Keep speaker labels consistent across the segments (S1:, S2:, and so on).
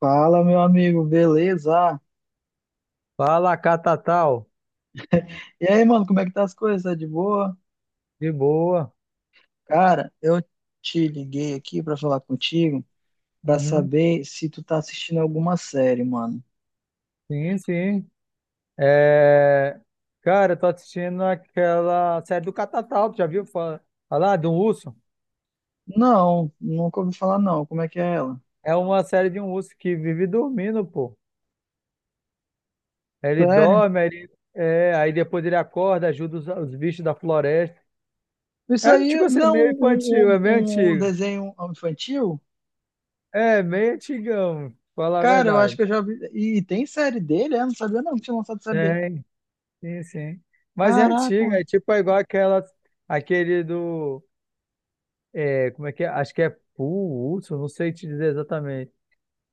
S1: Fala, meu amigo, beleza?
S2: Fala, Catatal.
S1: E aí, mano, como é que tá as coisas? Tá de boa?
S2: De boa.
S1: Cara, eu te liguei aqui pra falar contigo, pra
S2: Uhum.
S1: saber se tu tá assistindo alguma série, mano.
S2: Sim, sim. É... Cara, eu tô assistindo aquela série do Catatal. Tu já viu falar de um urso?
S1: Não, nunca ouvi falar não. Como é que é ela?
S2: É uma série de um urso que vive dormindo, pô. Ele
S1: Sério?
S2: dorme, aí aí depois ele acorda, ajuda os bichos da floresta.
S1: Isso
S2: É tipo
S1: aí
S2: assim,
S1: não
S2: meio infantil,
S1: um,
S2: é meio
S1: um, um
S2: antigo.
S1: desenho infantil?
S2: É, meio antigão, pra falar a
S1: Cara, eu acho
S2: verdade.
S1: que eu já vi. E tem série dele? É, não sabia não que tinha lançado série dele.
S2: Tem, sim, sim. Mas é
S1: Caraca,
S2: antiga, é igual aquela, aquele do. É, como é que é? Acho que é Pool, Hudson, não sei te dizer exatamente.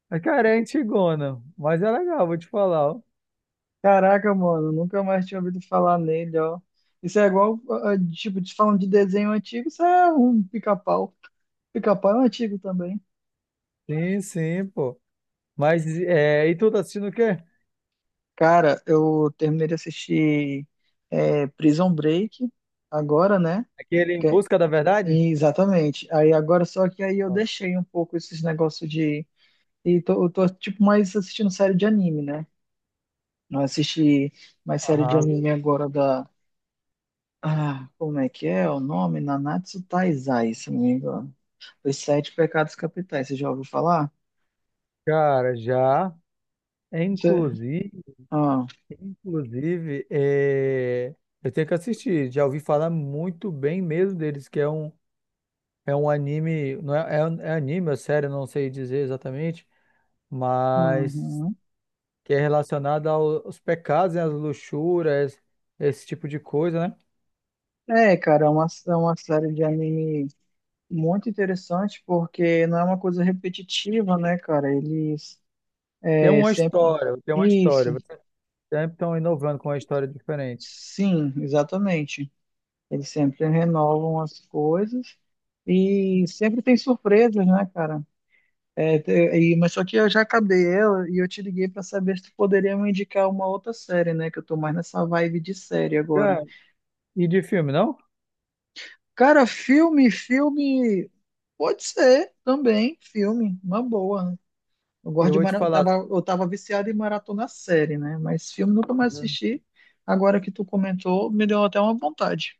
S2: Mas, cara, é antigona, mas é legal, vou te falar. Ó.
S1: Caraca, mano, nunca mais tinha ouvido falar nele, ó. Isso é igual, tipo, te falando de desenho antigo, isso é um pica-pau. Pica-pau é um antigo também.
S2: Sim, sim, pô. Mas, é, e tu tá assistindo o quê?
S1: Cara, eu terminei de assistir Prison Break agora, né?
S2: Aquele Em
S1: Que é-
S2: Busca da Verdade?
S1: Exatamente. Aí agora só que aí eu deixei um pouco esses negócios de. E tô, eu tô tipo mais assistindo série de anime, né? Não assisti mais série de
S2: Aham.
S1: anime agora da. Ah, como é que é o nome? Nanatsu Taizai, se não me engano. Os Sete Pecados Capitais, você já ouviu falar?
S2: Cara, já. É,
S1: Você-
S2: inclusive,
S1: Ah,
S2: inclusive, é, eu tenho que assistir. Já ouvi falar muito bem mesmo deles, que é é um anime, não é, é anime, é sério, não sei dizer exatamente, mas
S1: uhum.
S2: que é relacionada aos pecados, né, às luxúrias, esse tipo de coisa, né?
S1: É, cara, é uma série de anime muito interessante porque não é uma coisa repetitiva, né, cara? Eles
S2: Tem
S1: é
S2: uma
S1: sempre.
S2: história, tem uma história.
S1: Isso,
S2: Vocês sempre estão inovando com uma história diferente.
S1: sim, exatamente. Eles sempre renovam as coisas e sempre tem surpresas, né, cara? É, te- mas só que eu já acabei ela e eu te liguei pra saber se tu poderia me indicar uma outra série, né? Que eu tô mais nessa vibe de série agora.
S2: Cara, e de filme, não?
S1: Cara, filme. Pode ser também, filme, uma boa. Eu gosto
S2: Eu
S1: de
S2: vou te
S1: mara...
S2: falar.
S1: eu tava viciado em maratona série, né? Mas filme nunca mais
S2: Uhum.
S1: assisti. Agora que tu comentou, me deu até uma vontade.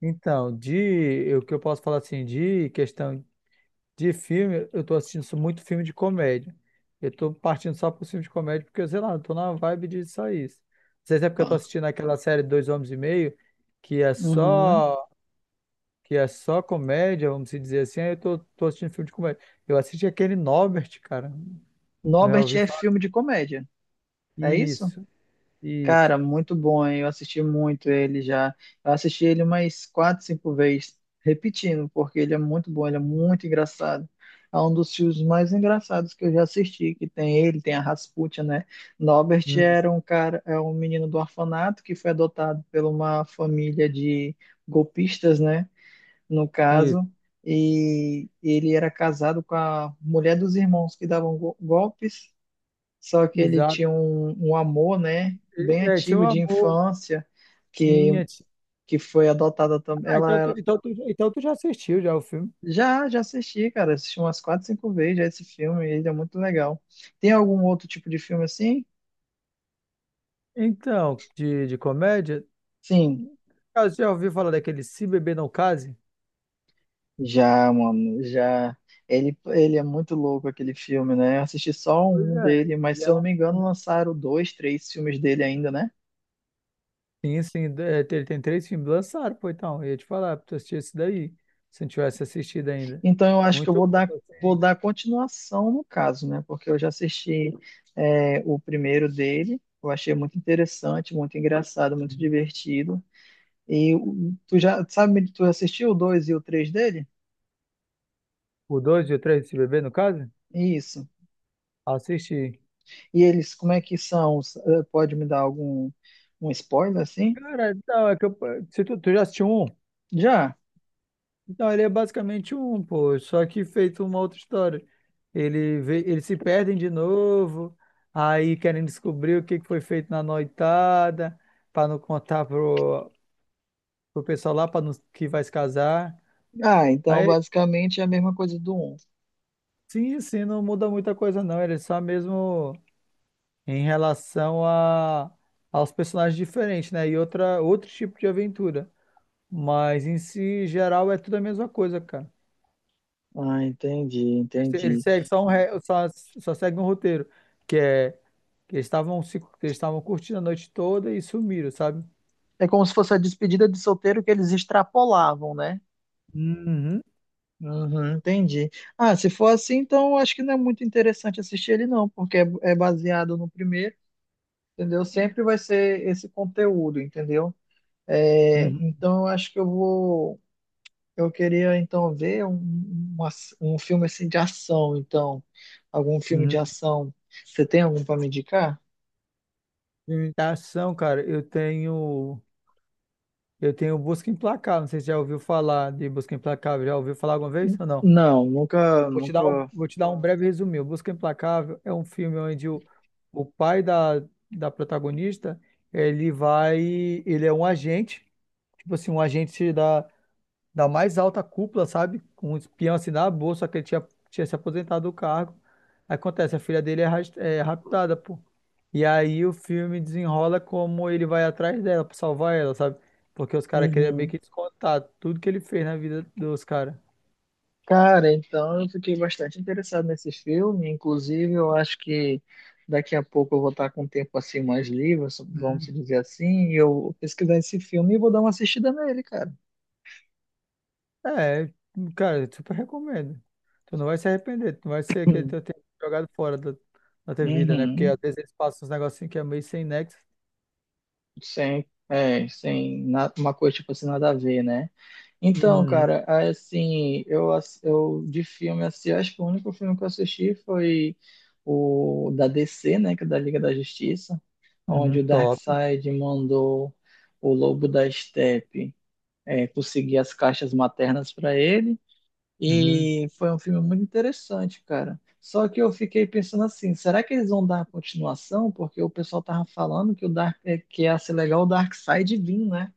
S2: Então, de o que eu posso falar assim, de questão de filme, eu tô assistindo só muito filme de comédia. Eu tô partindo só pro filme de comédia porque, sei lá, eu tô na vibe de só isso. Não sei se é porque eu tô
S1: Ah.
S2: assistindo aquela série Dois Homens e Meio, que é
S1: Uhum.
S2: só que é só comédia, vamos se dizer assim, aí eu tô assistindo filme de comédia. Eu assisti aquele Norbert, cara. Eu já
S1: Norbert
S2: ouvi
S1: é
S2: falar.
S1: filme de comédia, é isso?
S2: Isso, isso.
S1: Cara, muito bom, hein? Eu assisti muito ele já. Eu assisti ele umas quatro, cinco vezes, repetindo, porque ele é muito bom, ele é muito engraçado. É um dos filmes mais engraçados que eu já assisti, que tem ele, tem a Rasputia, né? Norbert
S2: Hum,
S1: era um cara, é um menino do orfanato que foi adotado por uma família de golpistas, né? No
S2: isso,
S1: caso, e ele era casado com a mulher dos irmãos que davam go- golpes só que ele
S2: exato.
S1: tinha um amor, né, bem
S2: É, tinha um
S1: antigo de
S2: amor.
S1: infância, que,
S2: Tinha, tinha.
S1: que foi adotada também.
S2: Ah, então tu já assistiu já o filme.
S1: Já já assisti, cara, assisti umas quatro, cinco vezes já esse filme, ele é muito legal. Tem algum outro tipo de filme assim?
S2: Então, de comédia,
S1: Sim,
S2: cara, você já ouviu falar daquele Se Beber Não Case?
S1: já, mano, já. Ele é muito louco aquele filme, né? Eu assisti só
S2: Pois
S1: um
S2: é,
S1: dele, mas
S2: ele
S1: se eu
S2: é
S1: não
S2: um
S1: me engano,
S2: filme.
S1: lançaram dois, três filmes dele ainda, né?
S2: Sim, sim, é, ele tem três filmes lançados, pô, então, eu ia te falar, pra tu assistir esse daí, se não tivesse assistido ainda.
S1: Então eu acho que eu
S2: Muito bom,
S1: vou
S2: assim.
S1: dar continuação no caso, né? Porque eu já assisti o primeiro dele, eu achei muito interessante, muito engraçado, muito divertido. Tu já sabe, tu assistiu o 2 e o 3 dele?
S2: O 2 e o 3 desse bebê, no caso?
S1: Isso.
S2: Assisti.
S1: E eles, como é que são? Pode me dar algum um spoiler assim?
S2: Cara, então, é que eu, se tu já assistiu um?
S1: Já.
S2: Então, ele é basicamente um, pô, só que feito uma outra história. Eles se perdem de novo, aí querem descobrir o que que foi feito na noitada, pra não contar pro pessoal lá pra não, que vai se casar.
S1: Ah, então
S2: Aí,
S1: basicamente é a mesma coisa do um.
S2: sim, sim, não muda muita coisa, não. Ele é só mesmo em relação aos personagens diferentes, né? E outro tipo de aventura. Mas em si, geral, é tudo a mesma coisa, cara.
S1: Ah,
S2: Ele
S1: entendi.
S2: segue só segue um roteiro, que é que eles estavam se- que eles estavam curtindo a noite toda e sumiram, sabe?
S1: É como se fosse a despedida de solteiro que eles extrapolavam, né?
S2: Uhum,
S1: Uhum, entendi. Ah, se for assim, então eu acho que não é muito interessante assistir ele, não, porque é baseado no primeiro, entendeu? Sempre vai ser esse conteúdo, entendeu? É,
S2: uhum,
S1: então eu acho que eu vou. Eu queria então ver um filme assim de ação, então. Algum filme de
S2: uhum.
S1: ação. Você tem algum para me indicar?
S2: Filme de ação, cara, eu tenho Busca Implacável, não sei se já ouviu falar de Busca Implacável, já ouviu falar alguma vez ou não?
S1: Não,
S2: Vou te dar
S1: nunca.
S2: vou te dar um breve resumo. O Busca Implacável é um filme onde o pai da protagonista, ele vai, ele é um agente tipo assim, um agente da mais alta cúpula, sabe? Com um espião assim na bolsa, só que ele tinha se aposentado do cargo. Aí acontece, a filha dele é raptada, pô. E aí o filme desenrola como ele vai atrás dela pra salvar ela, sabe? Porque os caras queriam meio
S1: Uhum.
S2: que descontar tudo que ele fez na vida dos caras.
S1: Cara, então eu fiquei bastante interessado nesse filme. Inclusive, eu acho que daqui a pouco eu vou estar com um tempo assim mais livre, so, vamos
S2: Hum.
S1: dizer assim, e eu vou pesquisar esse filme e vou dar uma assistida nele, cara.
S2: É, cara, eu super recomendo. Tu não vai se arrepender, tu não vai ser aquele
S1: Hum,
S2: teu tempo jogado fora da tua vida, né? Porque às
S1: Uhum.
S2: vezes eles passam uns negocinhos que é meio sem nexo.
S1: Sem, sem na- uma coisa tipo assim, nada a ver, né? Então,
S2: Uhum.
S1: cara, assim, eu de filme, assim, acho que o único filme que eu assisti foi o da DC, né, que é da Liga da Justiça,
S2: Uhum.
S1: onde o
S2: Top.
S1: Darkseid mandou o Lobo da Estepe conseguir as caixas maternas para ele,
S2: Uhum,
S1: e foi um filme muito interessante, cara. Só que eu fiquei pensando assim, será que eles vão dar a continuação? Porque o pessoal tava falando que o que ia ser legal o Darkseid vir, né?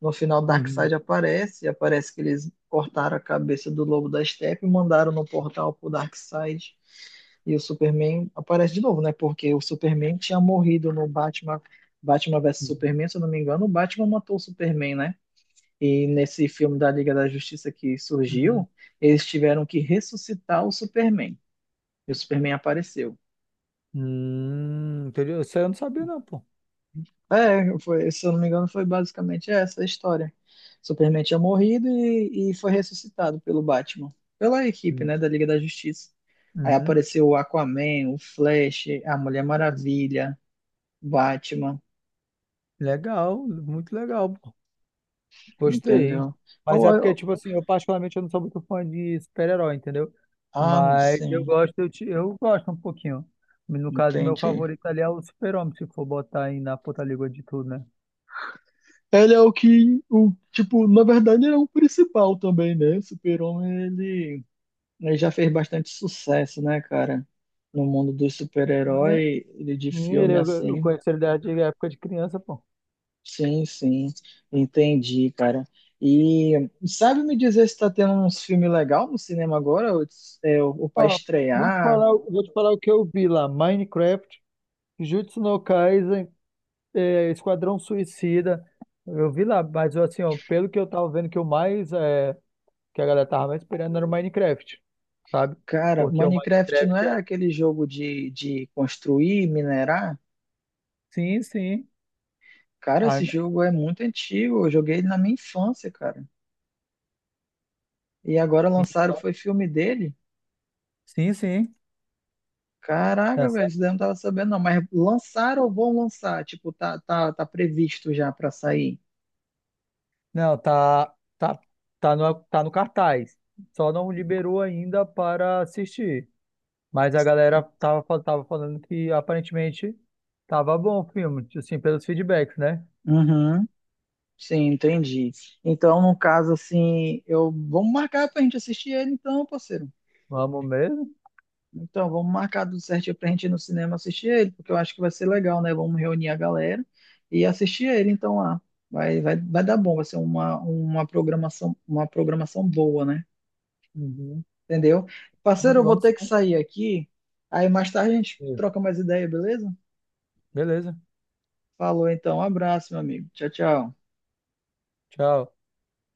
S1: No final, o
S2: uhum,
S1: Darkseid aparece, e aparece que eles cortaram a cabeça do Lobo da Steppe e mandaram no portal pro Darkseid. E o Superman aparece de novo, né? Porque o Superman tinha morrido no Batman, Batman vs
S2: uhum,
S1: Superman, se eu não me engano, o Batman matou o Superman, né? E nesse filme da Liga da Justiça que
S2: uhum.
S1: surgiu, eles tiveram que ressuscitar o Superman. E o Superman apareceu.
S2: Entendeu? Isso aí eu não sabia não, pô.
S1: É, foi, se eu não me engano, foi basicamente essa a história. Superman tinha morrido e foi ressuscitado pelo Batman, pela equipe,
S2: Hum,
S1: né, da Liga da Justiça. Aí
S2: uhum.
S1: apareceu o Aquaman, o Flash, a Mulher Maravilha, Batman,
S2: Legal, muito legal, pô. Gostei.
S1: entendeu? Ah,
S2: Mas é porque, tipo assim, eu particularmente eu não sou muito fã de super-herói, entendeu? Mas eu
S1: sim,
S2: gosto, eu gosto um pouquinho. No caso, meu
S1: entendi.
S2: favorito ali é o Super-Homem, se for botar aí na puta língua de tudo, né?
S1: Ele é o que, o, tipo, na verdade ele é o principal também, né? Super-Homem, ele já fez bastante sucesso, né, cara? No mundo dos
S2: E-
S1: super-herói, ele de
S2: e ele,
S1: filme
S2: eu
S1: assim.
S2: conheço ele da antiga época de criança, pô.
S1: Sim, sim, entendi, cara. E sabe me dizer se tá tendo uns filmes legais no cinema agora? Ou, ou pra
S2: Ó, eu vou te
S1: estrear?
S2: falar, eu vou te falar o que eu vi lá. Minecraft, Jujutsu no Kaisen, é, Esquadrão Suicida. Eu vi lá, mas assim, ó, pelo que eu tava vendo que a galera tava mais esperando era o Minecraft, sabe?
S1: Cara,
S2: Porque o
S1: Minecraft não
S2: Minecraft
S1: é
S2: era.
S1: aquele jogo de construir, minerar?
S2: Sim, sim.
S1: Cara,
S2: Ah,
S1: esse jogo é muito antigo. Eu joguei ele na minha infância, cara. E agora lançaram, foi filme dele?
S2: sim, sim.
S1: Caraca, velho,
S2: Essa-
S1: isso daí eu não tava sabendo, não. Mas lançaram ou vão lançar? Tipo, tá previsto já pra sair.
S2: não, tá no, tá no cartaz. Só não liberou ainda para assistir. Mas a galera tava falando que aparentemente tava bom o filme, assim, pelos feedbacks, né?
S1: Uhum. Sim, entendi. Então, no caso, assim, eu vamos marcar pra gente assistir ele, então, parceiro.
S2: Vamos mesmo?
S1: Então, vamos marcar tudo certinho pra gente ir no cinema assistir ele, porque eu acho que vai ser legal, né? Vamos reunir a galera e assistir ele, então, lá. Vai dar bom, vai ser uma programação boa, né?
S2: Uhum.
S1: Entendeu?
S2: Vamos,
S1: Parceiro, eu vou
S2: vamos
S1: ter que sair aqui. Aí mais tarde a gente
S2: sim.
S1: troca mais ideia, beleza?
S2: Beleza.
S1: Falou então, um abraço, meu amigo. Tchau, tchau.
S2: Tchau.